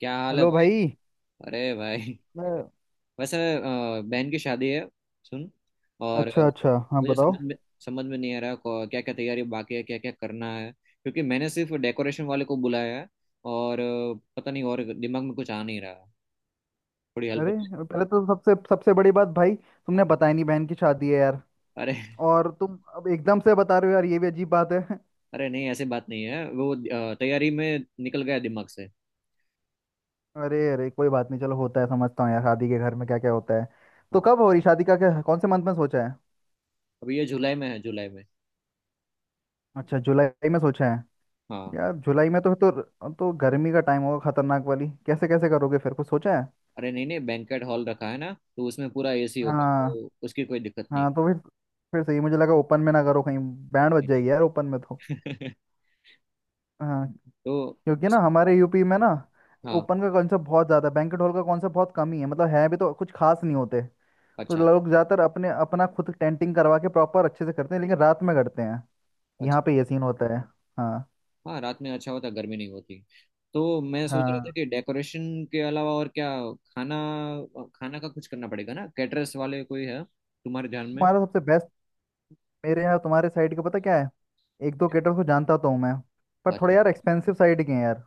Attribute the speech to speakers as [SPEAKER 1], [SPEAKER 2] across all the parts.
[SPEAKER 1] क्या हाल है
[SPEAKER 2] हेलो
[SPEAKER 1] भाई।
[SPEAKER 2] भाई।
[SPEAKER 1] अरे भाई।
[SPEAKER 2] मैं।
[SPEAKER 1] वैसे बहन की शादी है। सुन। और
[SPEAKER 2] अच्छा अच्छा, हाँ
[SPEAKER 1] मुझे
[SPEAKER 2] बताओ।
[SPEAKER 1] समझ में समझ में नहीं आ रहा। क्या क्या तैयारी बाकी है, क्या क्या करना है, क्योंकि मैंने सिर्फ डेकोरेशन वाले को बुलाया है। और पता नहीं, और दिमाग में कुछ आ नहीं रहा। थोड़ी हेल्प
[SPEAKER 2] अरे,
[SPEAKER 1] होती है?
[SPEAKER 2] पहले तो सबसे सबसे बड़ी बात भाई, तुमने बताया नहीं बहन की शादी है यार।
[SPEAKER 1] अरे।
[SPEAKER 2] और तुम अब एकदम से बता रहे हो, यार ये भी अजीब बात है।
[SPEAKER 1] अरे नहीं, ऐसी बात नहीं है, वो तैयारी में निकल गया दिमाग से।
[SPEAKER 2] अरे अरे, कोई बात नहीं, चलो होता है। समझता हूँ यार, शादी के घर में क्या क्या होता है। तो
[SPEAKER 1] हाँ।
[SPEAKER 2] कब हो रही शादी का, क्या कौन से मंथ में सोचा है?
[SPEAKER 1] अभी ये जुलाई में है, जुलाई में।
[SPEAKER 2] अच्छा, जुलाई में सोचा है।
[SPEAKER 1] हाँ।
[SPEAKER 2] यार जुलाई में तो तो गर्मी का टाइम होगा खतरनाक वाली, कैसे कैसे करोगे फिर, कुछ सोचा है?
[SPEAKER 1] अरे नहीं नहीं, बैंकेट हॉल रखा है ना। तो उसमें पूरा एसी होगा,
[SPEAKER 2] हाँ।
[SPEAKER 1] तो उसकी कोई दिक्कत नहीं
[SPEAKER 2] हाँ तो फिर सही मुझे लगा, ओपन में ना करो कहीं, बैंड बज जाएगी यार ओपन में तो।
[SPEAKER 1] है।
[SPEAKER 2] हाँ।
[SPEAKER 1] तो।
[SPEAKER 2] क्योंकि ना, हमारे यूपी में
[SPEAKER 1] हाँ।
[SPEAKER 2] ना
[SPEAKER 1] हाँ,
[SPEAKER 2] ओपन का कॉन्सेप्ट बहुत ज़्यादा है, बैंकेट हॉल का कॉन्सेप्ट बहुत कम ही है, मतलब है भी तो कुछ खास नहीं होते। तो
[SPEAKER 1] अच्छा
[SPEAKER 2] लोग ज़्यादातर अपने अपना खुद टेंटिंग करवा के प्रॉपर अच्छे से करते हैं, लेकिन रात में करते हैं। यहाँ
[SPEAKER 1] अच्छा।
[SPEAKER 2] पे ये सीन होता है। हाँ।
[SPEAKER 1] हाँ, रात में अच्छा होता, गर्मी नहीं होती। तो मैं सोच रहा था
[SPEAKER 2] हाँ।
[SPEAKER 1] कि डेकोरेशन के अलावा और क्या। खाना। खाना का कुछ करना पड़ेगा ना, कैटरर्स वाले कोई है तुम्हारे ध्यान में?
[SPEAKER 2] हमारा सबसे बेस्ट। मेरे यहाँ, तुम्हारे साइड का पता क्या है? एक दो केटर्स को जानता तो हूँ मैं, पर थोड़े
[SPEAKER 1] अच्छा।
[SPEAKER 2] यार एक्सपेंसिव साइड के हैं यार।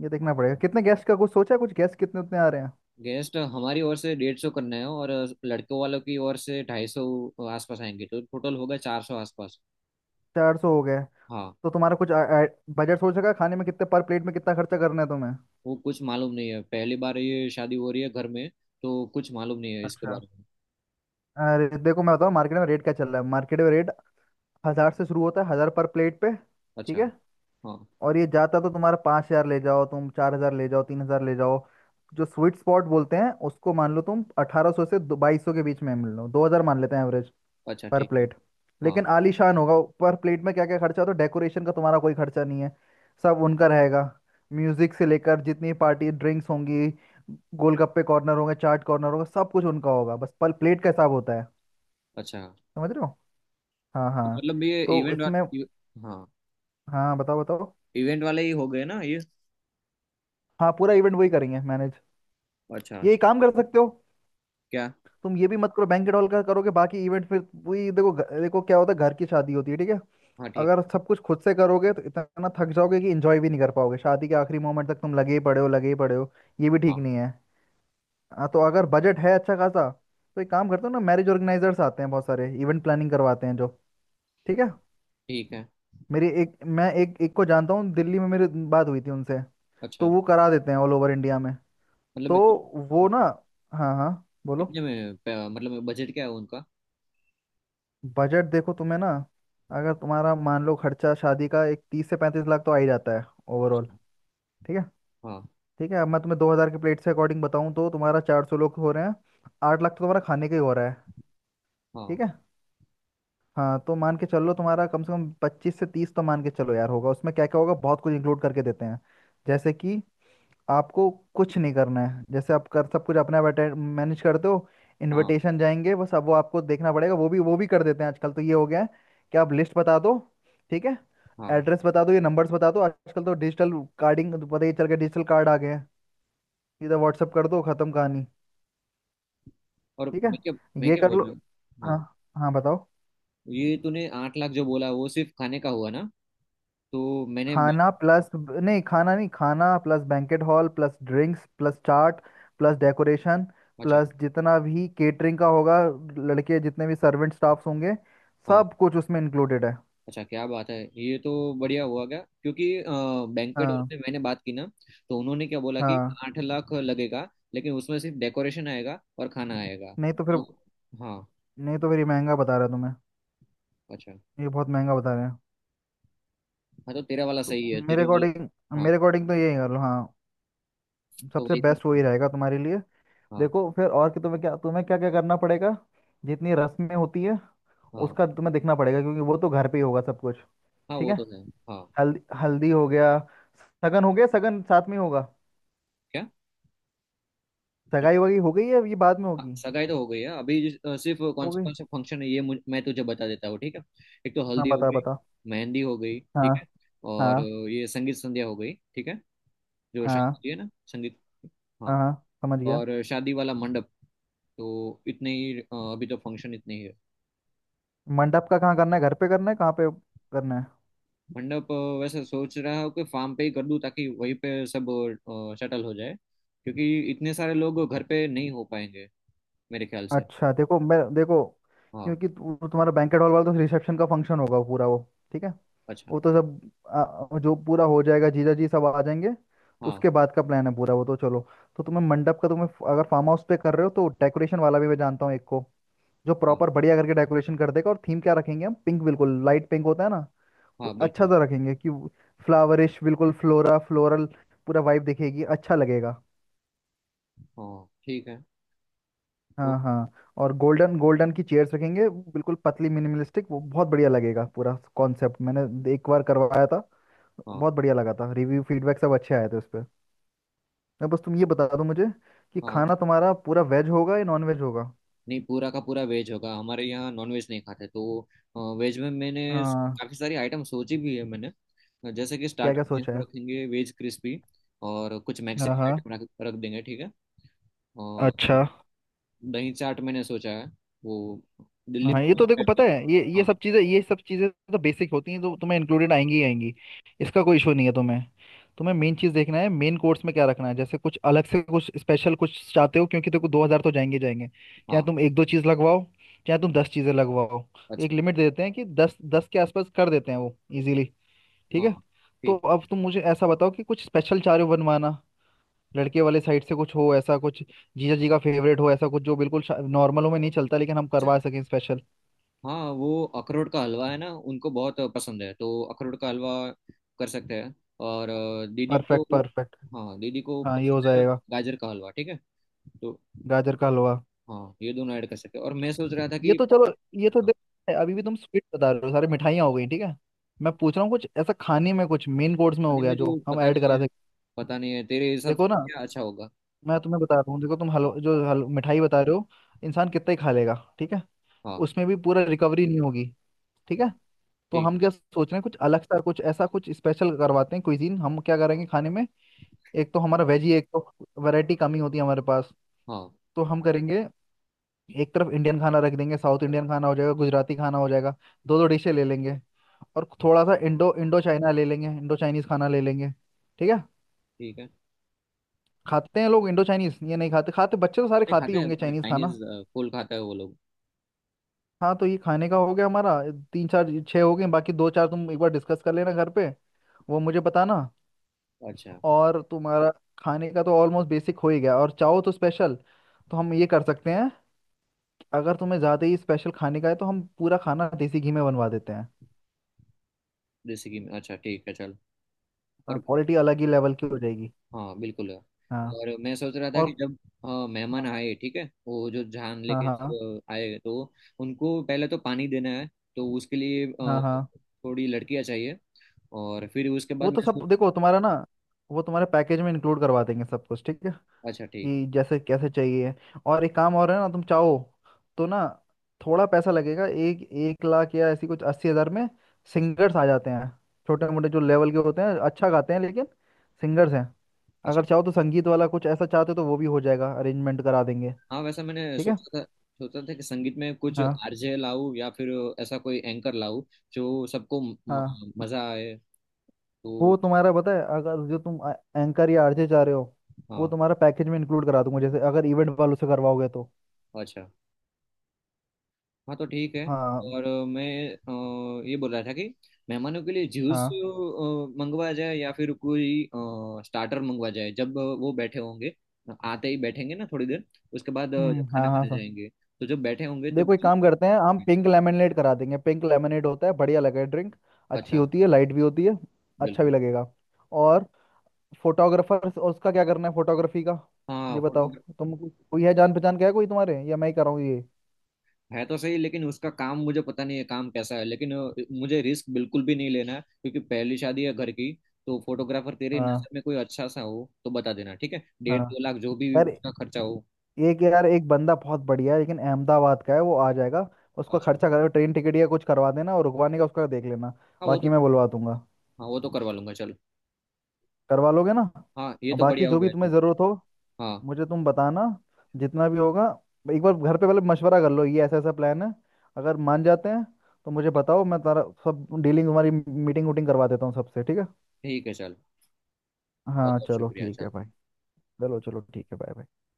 [SPEAKER 2] ये देखना पड़ेगा, कितने गेस्ट का कुछ सोचा है? कुछ गेस्ट कितने उतने आ रहे हैं?
[SPEAKER 1] गेस्ट हमारी ओर से 150 करना है, और लड़कों वालों की ओर से 250 आसपास आएंगे, तो टोटल होगा 400 आसपास।
[SPEAKER 2] 400 हो गए।
[SPEAKER 1] हाँ।
[SPEAKER 2] तो तुम्हारा कुछ बजट सोच रखा है खाने में, कितने पर प्लेट में कितना खर्चा करना है तुम्हें?
[SPEAKER 1] वो कुछ मालूम नहीं है, पहली बार ये शादी हो रही है घर में। तो कुछ मालूम नहीं है इसके
[SPEAKER 2] अच्छा।
[SPEAKER 1] बारे में।
[SPEAKER 2] अरे देखो, मैं बताऊँ मार्केट में रेट क्या चल रहा है। मार्केट में रेट 1000 से शुरू होता है 1000 पर प्लेट पे, ठीक
[SPEAKER 1] अच्छा।
[SPEAKER 2] है।
[SPEAKER 1] हाँ।
[SPEAKER 2] और ये जाता तो तुम्हारा 5000 ले जाओ, तुम 4000 ले जाओ, 3000 ले जाओ। जो स्वीट स्पॉट बोलते हैं उसको, मान लो तुम 1800 से 2200 के बीच में मिल लो, 2000 मान लेते हैं एवरेज
[SPEAKER 1] अच्छा
[SPEAKER 2] पर
[SPEAKER 1] ठीक है।
[SPEAKER 2] प्लेट,
[SPEAKER 1] हाँ।
[SPEAKER 2] लेकिन आलीशान होगा। पर प्लेट में क्या क्या खर्चा होता है, डेकोरेशन का तुम्हारा कोई खर्चा नहीं है, सब उनका रहेगा। म्यूजिक से लेकर जितनी पार्टी ड्रिंक्स होंगी, गोलगप्पे कॉर्नर होंगे, चाट कॉर्नर होगा, सब कुछ उनका होगा, बस पर प्लेट का हिसाब होता है।
[SPEAKER 1] अच्छा।
[SPEAKER 2] समझ रहे हो। हाँ
[SPEAKER 1] तो
[SPEAKER 2] हाँ।
[SPEAKER 1] मतलब ये
[SPEAKER 2] तो
[SPEAKER 1] इवेंट
[SPEAKER 2] इसमें।
[SPEAKER 1] वाला। हाँ।
[SPEAKER 2] हाँ बताओ बताओ।
[SPEAKER 1] इवेंट वाले ही हो गए ना ये?
[SPEAKER 2] हाँ, पूरा इवेंट वही करेंगे मैनेज।
[SPEAKER 1] अच्छा
[SPEAKER 2] ये
[SPEAKER 1] अच्छा।
[SPEAKER 2] काम कर सकते हो।
[SPEAKER 1] क्या?
[SPEAKER 2] तुम ये भी मत करो, बैंकेट हॉल का करोगे, बाकी इवेंट फिर वही। देखो देखो क्या होता है, घर की शादी होती है, ठीक है।
[SPEAKER 1] हाँ ठीक।
[SPEAKER 2] अगर सब कुछ खुद से करोगे तो इतना थक जाओगे कि एंजॉय भी नहीं कर पाओगे, शादी के आखिरी मोमेंट तक तुम लगे ही पड़े हो लगे ही पड़े हो, ये भी ठीक
[SPEAKER 1] हाँ
[SPEAKER 2] नहीं है। हाँ, तो अगर बजट है अच्छा खासा, तो एक काम करते हो ना, मैरिज ऑर्गेनाइजर्स आते हैं बहुत सारे, इवेंट प्लानिंग करवाते हैं जो, ठीक है।
[SPEAKER 1] ठीक है।
[SPEAKER 2] मेरी एक मैं एक एक को जानता हूँ दिल्ली में, मेरी बात हुई थी उनसे। तो
[SPEAKER 1] अच्छा।
[SPEAKER 2] वो करा देते हैं ऑल ओवर इंडिया में।
[SPEAKER 1] मतलब
[SPEAKER 2] तो
[SPEAKER 1] मैं
[SPEAKER 2] वो ना। हाँ हाँ। बोलो।
[SPEAKER 1] कितने में मतलब बजट क्या है उनका?
[SPEAKER 2] बजट देखो तुम्हें ना, अगर तुम्हारा मान लो खर्चा शादी का, एक 30 से 35 लाख तो आ ही जाता है ओवरऑल,
[SPEAKER 1] अच्छा,
[SPEAKER 2] ठीक है।
[SPEAKER 1] हाँ।
[SPEAKER 2] ठीक है। अब मैं तुम्हें 2000 के प्लेट से अकॉर्डिंग बताऊँ, तो तुम्हारा 400 लोग हो रहे हैं, 8 लाख तो तुम्हारा खाने का ही हो रहा है।
[SPEAKER 1] हाँ।
[SPEAKER 2] ठीक है। हाँ तो मान के चलो तुम्हारा कम से कम 25 से 30 तो मान के चलो यार होगा। उसमें क्या क्या होगा, बहुत कुछ इंक्लूड करके देते हैं, जैसे कि आपको कुछ नहीं करना है। जैसे आप कर सब कुछ अपने आप मैनेज करते हो,
[SPEAKER 1] हाँ।
[SPEAKER 2] इनविटेशन जाएंगे, बस अब वो आपको देखना पड़ेगा। वो भी कर देते हैं आजकल, तो ये हो गया है कि आप लिस्ट बता दो, ठीक है,
[SPEAKER 1] हाँ।
[SPEAKER 2] एड्रेस बता दो, ये नंबर्स बता दो। आजकल तो डिजिटल कार्डिंग तो पता ही चल गया, डिजिटल कार्ड आ गए हैं, सीधा व्हाट्सअप कर दो, खत्म कहानी।
[SPEAKER 1] और
[SPEAKER 2] ठीक है।
[SPEAKER 1] मैं क्या मैं
[SPEAKER 2] ये
[SPEAKER 1] क्या
[SPEAKER 2] कर
[SPEAKER 1] बोल
[SPEAKER 2] लो।
[SPEAKER 1] रहा हूँ?
[SPEAKER 2] हाँ।
[SPEAKER 1] हाँ।
[SPEAKER 2] हाँ बताओ।
[SPEAKER 1] ये तूने 8 लाख जो बोला, वो सिर्फ खाने का हुआ ना? तो मैंने
[SPEAKER 2] खाना प्लस नहीं, खाना नहीं, खाना plus banquet hall plus drinks plus chaat plus decoration
[SPEAKER 1] अच्छा।
[SPEAKER 2] प्लस जितना भी केटरिंग का होगा, लड़के जितने भी सर्वेंट स्टाफ्स होंगे,
[SPEAKER 1] हाँ।
[SPEAKER 2] सब कुछ उसमें इंक्लूडेड है।
[SPEAKER 1] अच्छा क्या बात है! ये तो बढ़िया हुआ क्या, क्योंकि बैंकेट हॉल
[SPEAKER 2] हाँ।
[SPEAKER 1] से मैंने बात की ना। तो उन्होंने क्या बोला कि
[SPEAKER 2] हाँ।
[SPEAKER 1] 8 लाख लगेगा, लेकिन उसमें सिर्फ डेकोरेशन आएगा और खाना आएगा।
[SPEAKER 2] नहीं तो फिर
[SPEAKER 1] तो। हाँ।
[SPEAKER 2] नहीं तो फिर ये महंगा बता रहा है तुम्हें,
[SPEAKER 1] अच्छा।
[SPEAKER 2] ये बहुत महंगा बता रहे हैं।
[SPEAKER 1] हाँ तो तेरा वाला
[SPEAKER 2] तो
[SPEAKER 1] सही है,
[SPEAKER 2] मेरे
[SPEAKER 1] तेरे वाले।
[SPEAKER 2] अकॉर्डिंग
[SPEAKER 1] हाँ।
[SPEAKER 2] मेरे अकॉर्डिंग तो यही कर लो हाँ,
[SPEAKER 1] तो
[SPEAKER 2] सबसे
[SPEAKER 1] वही
[SPEAKER 2] बेस्ट
[SPEAKER 1] करते
[SPEAKER 2] वही
[SPEAKER 1] हैं।
[SPEAKER 2] रहेगा तुम्हारे लिए।
[SPEAKER 1] हाँ।
[SPEAKER 2] देखो फिर और कि तुम्हें क्या क्या करना पड़ेगा। जितनी रस्में होती है
[SPEAKER 1] हाँ।
[SPEAKER 2] उसका तुम्हें देखना पड़ेगा, क्योंकि वो तो घर पे ही होगा सब कुछ,
[SPEAKER 1] हाँ
[SPEAKER 2] ठीक
[SPEAKER 1] वो
[SPEAKER 2] है।
[SPEAKER 1] तो है। हाँ।
[SPEAKER 2] हल्दी हल्दी हो गया, सगन हो गया, सगन साथ में होगा।
[SPEAKER 1] क्या? जो-
[SPEAKER 2] सगाई वगाई हो गई है, ये बाद में
[SPEAKER 1] हाँ,
[SPEAKER 2] होगी।
[SPEAKER 1] सगाई तो हो गई है। अभी सिर्फ
[SPEAKER 2] हो गई।
[SPEAKER 1] कौन सा फंक्शन है ये मैं तुझे बता देता हूँ, ठीक है। एक तो
[SPEAKER 2] हाँ
[SPEAKER 1] हल्दी हो
[SPEAKER 2] बता
[SPEAKER 1] गई।
[SPEAKER 2] बता।
[SPEAKER 1] मेहंदी हो गई,
[SPEAKER 2] हाँ।
[SPEAKER 1] ठीक है।
[SPEAKER 2] हाँ।
[SPEAKER 1] और ये संगीत संध्या हो गई, ठीक है। जो शादी
[SPEAKER 2] हाँ
[SPEAKER 1] होती है ना, संगीत।
[SPEAKER 2] हाँ
[SPEAKER 1] हाँ।
[SPEAKER 2] हाँ, समझ गया।
[SPEAKER 1] और शादी वाला मंडप। तो इतने ही अभी तो फंक्शन इतने ही है।
[SPEAKER 2] मंडप का कहाँ करना है, घर पे करना है कहाँ पे करना है?
[SPEAKER 1] मंडप वैसे सोच रहा हूँ कि फार्म पे ही कर दूँ, ताकि वहीं पे सब शटल हो जाए। क्योंकि इतने सारे लोग घर पे नहीं हो पाएंगे, मेरे ख्याल से।
[SPEAKER 2] अच्छा देखो, मैं देखो,
[SPEAKER 1] हाँ।
[SPEAKER 2] क्योंकि तुम्हारा बैंकेट हॉल वाला तो रिसेप्शन का फंक्शन होगा पूरा वो, ठीक है।
[SPEAKER 1] अच्छा।
[SPEAKER 2] वो तो सब, आ, जो पूरा हो जाएगा, जीजा जी सब आ जाएंगे, तो
[SPEAKER 1] हाँ
[SPEAKER 2] उसके बाद का प्लान है पूरा वो तो चलो। तो तुम्हें मंडप का, तुम्हें अगर फार्म हाउस पे कर रहे हो तो डेकोरेशन वाला भी मैं जानता हूँ एक को, जो
[SPEAKER 1] हाँ।
[SPEAKER 2] प्रॉपर बढ़िया करके डेकोरेशन कर देगा। और थीम क्या रखेंगे, हम पिंक, बिल्कुल लाइट पिंक होता है ना,
[SPEAKER 1] हाँ
[SPEAKER 2] वो अच्छा
[SPEAKER 1] बिल्कुल।
[SPEAKER 2] सा रखेंगे, कि फ्लावरिश बिल्कुल फ्लोरा फ्लोरल, पूरा वाइब दिखेगी, अच्छा लगेगा।
[SPEAKER 1] हाँ ठीक है। तो।
[SPEAKER 2] हाँ हाँ। और गोल्डन गोल्डन की चेयर्स रखेंगे बिल्कुल पतली मिनिमलिस्टिक, वो बहुत बढ़िया लगेगा। पूरा कॉन्सेप्ट मैंने एक बार करवाया था,
[SPEAKER 1] हाँ।
[SPEAKER 2] बहुत बढ़िया लगा था, रिव्यू फीडबैक सब अच्छे आए थे उस पर। अब बस तुम ये बता दो मुझे, कि
[SPEAKER 1] हाँ
[SPEAKER 2] खाना तुम्हारा पूरा वेज होगा या नॉन वेज होगा?
[SPEAKER 1] नहीं, पूरा का पूरा वेज होगा, हमारे यहाँ नॉन वेज नहीं खाते। तो वेज में मैंने
[SPEAKER 2] हाँ।
[SPEAKER 1] काफ़ी सारी आइटम सोची भी है मैंने। जैसे कि
[SPEAKER 2] क्या
[SPEAKER 1] स्टार्टर
[SPEAKER 2] क्या
[SPEAKER 1] में
[SPEAKER 2] सोचा
[SPEAKER 1] हम
[SPEAKER 2] है?
[SPEAKER 1] रखेंगे वेज क्रिस्पी, और कुछ
[SPEAKER 2] हाँ
[SPEAKER 1] मैक्सिकन
[SPEAKER 2] हाँ।
[SPEAKER 1] आइटम रख रख देंगे, ठीक है। और
[SPEAKER 2] अच्छा।
[SPEAKER 1] दही चाट मैंने सोचा है। वो दिल्ली में
[SPEAKER 2] हाँ, ये तो
[SPEAKER 1] भी
[SPEAKER 2] देखो
[SPEAKER 1] फेमस
[SPEAKER 2] पता
[SPEAKER 1] है।
[SPEAKER 2] है, ये
[SPEAKER 1] हाँ।
[SPEAKER 2] सब चीज़ें ये सब चीज़ें तो बेसिक होती हैं, तो तुम्हें इंक्लूडेड आएंगी ही आएंगी, इसका कोई इशू नहीं है। तुम्हें, तुम्हें मेन चीज़ देखना है मेन कोर्स में क्या रखना है, जैसे कुछ अलग से कुछ स्पेशल कुछ चाहते हो, क्योंकि देखो, 2000 तो जाएंगे जाएंगे, चाहे
[SPEAKER 1] हाँ।
[SPEAKER 2] तुम एक दो चीज़ लगवाओ, चाहे तुम दस चीज़ें लगवाओ। एक
[SPEAKER 1] अच्छा।
[SPEAKER 2] लिमिट दे देते हैं, कि दस दस के आसपास कर देते हैं वो इजीली, ठीक
[SPEAKER 1] हाँ
[SPEAKER 2] है। तो
[SPEAKER 1] ठीक है।
[SPEAKER 2] अब तुम मुझे ऐसा बताओ कि कुछ स्पेशल चाह रहे हो बनवाना, लड़के वाले साइड से कुछ हो ऐसा कुछ, जीजा जी का फेवरेट हो ऐसा कुछ, जो बिल्कुल नॉर्मल हो में नहीं चलता, लेकिन हम
[SPEAKER 1] अच्छा।
[SPEAKER 2] करवा सकें स्पेशल।
[SPEAKER 1] हाँ वो अखरोट का हलवा है ना, उनको बहुत पसंद है, तो अखरोट का हलवा कर सकते हैं। और दीदी को।
[SPEAKER 2] Perfect perfect.
[SPEAKER 1] हाँ दीदी को
[SPEAKER 2] हाँ ये हो
[SPEAKER 1] पसंद है
[SPEAKER 2] जाएगा।
[SPEAKER 1] गाजर का हलवा, ठीक है। तो।
[SPEAKER 2] गाजर का हलवा,
[SPEAKER 1] हाँ ये दोनों ऐड कर सकते हैं, और मैं सोच रहा था
[SPEAKER 2] ये
[SPEAKER 1] कि।
[SPEAKER 2] तो चलो, ये तो
[SPEAKER 1] हाँ,
[SPEAKER 2] देख। अभी भी तुम स्वीट बता रहे हो, सारी मिठाइयाँ हो गई, ठीक है। मैं पूछ रहा हूँ कुछ ऐसा खाने में, कुछ मेन कोर्स में हो
[SPEAKER 1] खाने
[SPEAKER 2] गया
[SPEAKER 1] में तो
[SPEAKER 2] जो हम
[SPEAKER 1] पता
[SPEAKER 2] ऐड
[SPEAKER 1] नहीं है।
[SPEAKER 2] करा सकते।
[SPEAKER 1] पता नहीं है, तेरे हिसाब से
[SPEAKER 2] देखो ना,
[SPEAKER 1] क्या अच्छा होगा।
[SPEAKER 2] मैं तुम्हें बता रहा हूँ। देखो तुम
[SPEAKER 1] हाँ।
[SPEAKER 2] हलवा, जो हल मिठाई बता रहे हो, इंसान कितना ही खा लेगा, ठीक है,
[SPEAKER 1] हाँ
[SPEAKER 2] उसमें भी पूरा रिकवरी नहीं होगी, ठीक है। तो
[SPEAKER 1] ठीक।
[SPEAKER 2] हम क्या सोच रहे हैं, कुछ अलग सा कुछ, ऐसा कुछ स्पेशल करवाते हैं, क्विजीन हम क्या करेंगे खाने में। एक तो हमारा वेज ही, एक तो वैरायटी कम ही होती है हमारे पास,
[SPEAKER 1] हाँ।
[SPEAKER 2] तो हम करेंगे एक तरफ इंडियन खाना रख देंगे, साउथ इंडियन खाना हो जाएगा, गुजराती खाना हो जाएगा, दो दो डिशें ले लेंगे, और
[SPEAKER 1] हाँ,
[SPEAKER 2] थोड़ा सा इंडो इंडो चाइना ले लेंगे, इंडो चाइनीज खाना ले लेंगे, ठीक है।
[SPEAKER 1] ठीक है।
[SPEAKER 2] खाते हैं लोग इंडो चाइनीज, ये नहीं खाते खाते, बच्चे तो सारे
[SPEAKER 1] ये
[SPEAKER 2] खाते ही
[SPEAKER 1] खाते
[SPEAKER 2] होंगे
[SPEAKER 1] हैं
[SPEAKER 2] चाइनीज खाना।
[SPEAKER 1] चाइनीज। फूल खाता है वो लोग।
[SPEAKER 2] हाँ तो ये खाने का हो गया हमारा, तीन चार छः हो गए, बाकी दो चार तुम एक बार डिस्कस कर लेना घर पे, वो मुझे बताना।
[SPEAKER 1] अच्छा।
[SPEAKER 2] और तुम्हारा खाने का तो ऑलमोस्ट बेसिक हो ही गया, और चाहो तो स्पेशल, तो हम ये कर सकते हैं। अगर तुम्हें ज़्यादा ही स्पेशल खाने का है, तो हम पूरा खाना देसी घी में बनवा देते हैं।
[SPEAKER 1] देसी घी में अच्छा, ठीक है चल।
[SPEAKER 2] हाँ,
[SPEAKER 1] और।
[SPEAKER 2] क्वालिटी अलग ही लेवल की हो जाएगी।
[SPEAKER 1] हाँ बिल्कुल है।
[SPEAKER 2] हाँ।
[SPEAKER 1] और मैं सोच रहा था कि
[SPEAKER 2] और।
[SPEAKER 1] जब। हाँ, मेहमान आए, ठीक है, वो जो जान
[SPEAKER 2] हाँ
[SPEAKER 1] लेके
[SPEAKER 2] हाँ।
[SPEAKER 1] सब आए तो उनको पहले तो पानी देना है। तो उसके लिए
[SPEAKER 2] हाँ। हाँ।
[SPEAKER 1] थोड़ी लड़कियां चाहिए। और फिर उसके
[SPEAKER 2] वो
[SPEAKER 1] बाद
[SPEAKER 2] तो
[SPEAKER 1] मैं
[SPEAKER 2] सब
[SPEAKER 1] सोच।
[SPEAKER 2] देखो तुम्हारा ना, वो तुम्हारे पैकेज में इंक्लूड करवा देंगे सब कुछ, ठीक है,
[SPEAKER 1] अच्छा ठीक है।
[SPEAKER 2] कि जैसे कैसे चाहिए। और एक काम और है ना, तुम चाहो तो ना, थोड़ा पैसा लगेगा, एक एक लाख या ऐसी कुछ 80 हजार में,
[SPEAKER 1] अच्छा
[SPEAKER 2] सिंगर्स आ जाते हैं, छोटे मोटे जो लेवल के होते हैं, अच्छा गाते हैं, लेकिन सिंगर्स हैं।
[SPEAKER 1] अच्छा।
[SPEAKER 2] अगर चाहो तो संगीत वाला कुछ ऐसा चाहते हो, तो वो भी हो जाएगा, अरेंजमेंट करा देंगे,
[SPEAKER 1] हाँ वैसा मैंने
[SPEAKER 2] ठीक है।
[SPEAKER 1] सोचा था। सोचा था कि संगीत में कुछ
[SPEAKER 2] हाँ।
[SPEAKER 1] आरजे लाऊं या फिर ऐसा कोई एंकर लाऊं जो सबको म,
[SPEAKER 2] हाँ।
[SPEAKER 1] म- मजा आए। तो।
[SPEAKER 2] वो तुम्हारा पता है, अगर जो तुम एंकर या आरजे चाह रहे हो, वो
[SPEAKER 1] हाँ।
[SPEAKER 2] तुम्हारा पैकेज में इंक्लूड करा दूंगा, जैसे अगर इवेंट वालों से करवाओगे तो।
[SPEAKER 1] अच्छा। हाँ तो ठीक है।
[SPEAKER 2] हाँ।
[SPEAKER 1] और मैं ये बोल रहा था कि मेहमानों के लिए जूस
[SPEAKER 2] हाँ।
[SPEAKER 1] मंगवा जाए या फिर कोई स्टार्टर मंगवा जाए जब वो बैठे होंगे। आते ही बैठेंगे ना थोड़ी देर, उसके बाद खाना
[SPEAKER 2] हाँ हाँ
[SPEAKER 1] खाने
[SPEAKER 2] सर।
[SPEAKER 1] जाएंगे, तो जब बैठे होंगे तब।
[SPEAKER 2] देखो, एक काम करते हैं, हम पिंक लेमनेड करा देंगे, पिंक लेमनेड होता है, बढ़िया लगेगा ड्रिंक, अच्छी
[SPEAKER 1] अच्छा।
[SPEAKER 2] होती है, लाइट भी होती है, अच्छा भी
[SPEAKER 1] बिल्कुल।
[SPEAKER 2] लगेगा। और फोटोग्राफर उसका क्या करना है, फोटोग्राफी का,
[SPEAKER 1] हाँ
[SPEAKER 2] ये बताओ।
[SPEAKER 1] फोटो
[SPEAKER 2] तुम कोई है जान पहचान क्या है कोई तुम्हारे, या मैं ही कराऊँ ये?
[SPEAKER 1] है तो सही, लेकिन उसका काम मुझे पता नहीं है, काम कैसा है, लेकिन मुझे रिस्क बिल्कुल भी नहीं लेना है क्योंकि पहली शादी है घर की। तो फोटोग्राफर तेरे
[SPEAKER 2] हाँ।
[SPEAKER 1] नजर में कोई अच्छा सा हो तो बता देना, ठीक है। डेढ़
[SPEAKER 2] हाँ।
[SPEAKER 1] दो लाख जो भी
[SPEAKER 2] यार,
[SPEAKER 1] उसका खर्चा हो।
[SPEAKER 2] एक बंदा बहुत बढ़िया है, लेकिन अहमदाबाद का है, वो आ जाएगा, उसका
[SPEAKER 1] अच्छा।
[SPEAKER 2] खर्चा करो ट्रेन टिकट या कुछ करवा देना, और रुकवाने का उसका देख लेना,
[SPEAKER 1] हाँ वो
[SPEAKER 2] बाकी
[SPEAKER 1] तो।
[SPEAKER 2] मैं बुलवा दूंगा।
[SPEAKER 1] हाँ वो तो करवा लूंगा चल।
[SPEAKER 2] करवा लोगे ना।
[SPEAKER 1] हाँ ये
[SPEAKER 2] और
[SPEAKER 1] तो
[SPEAKER 2] बाकी
[SPEAKER 1] बढ़िया हो
[SPEAKER 2] जो भी
[SPEAKER 1] गया
[SPEAKER 2] तुम्हें
[SPEAKER 1] चल।
[SPEAKER 2] ज़रूरत हो,
[SPEAKER 1] हाँ
[SPEAKER 2] मुझे तुम बताना, जितना भी होगा। एक बार घर पे पहले मशवरा कर लो, ये ऐसा ऐसा प्लान है, अगर मान जाते हैं तो मुझे बताओ, मैं तारा सब डीलिंग, तुम्हारी मीटिंग वूटिंग करवा देता हूँ सबसे, ठीक है।
[SPEAKER 1] ठीक है चल। बहुत
[SPEAKER 2] हाँ,
[SPEAKER 1] बहुत
[SPEAKER 2] चलो
[SPEAKER 1] शुक्रिया
[SPEAKER 2] ठीक है
[SPEAKER 1] चल।
[SPEAKER 2] भाई। चलो चलो ठीक है, बाय।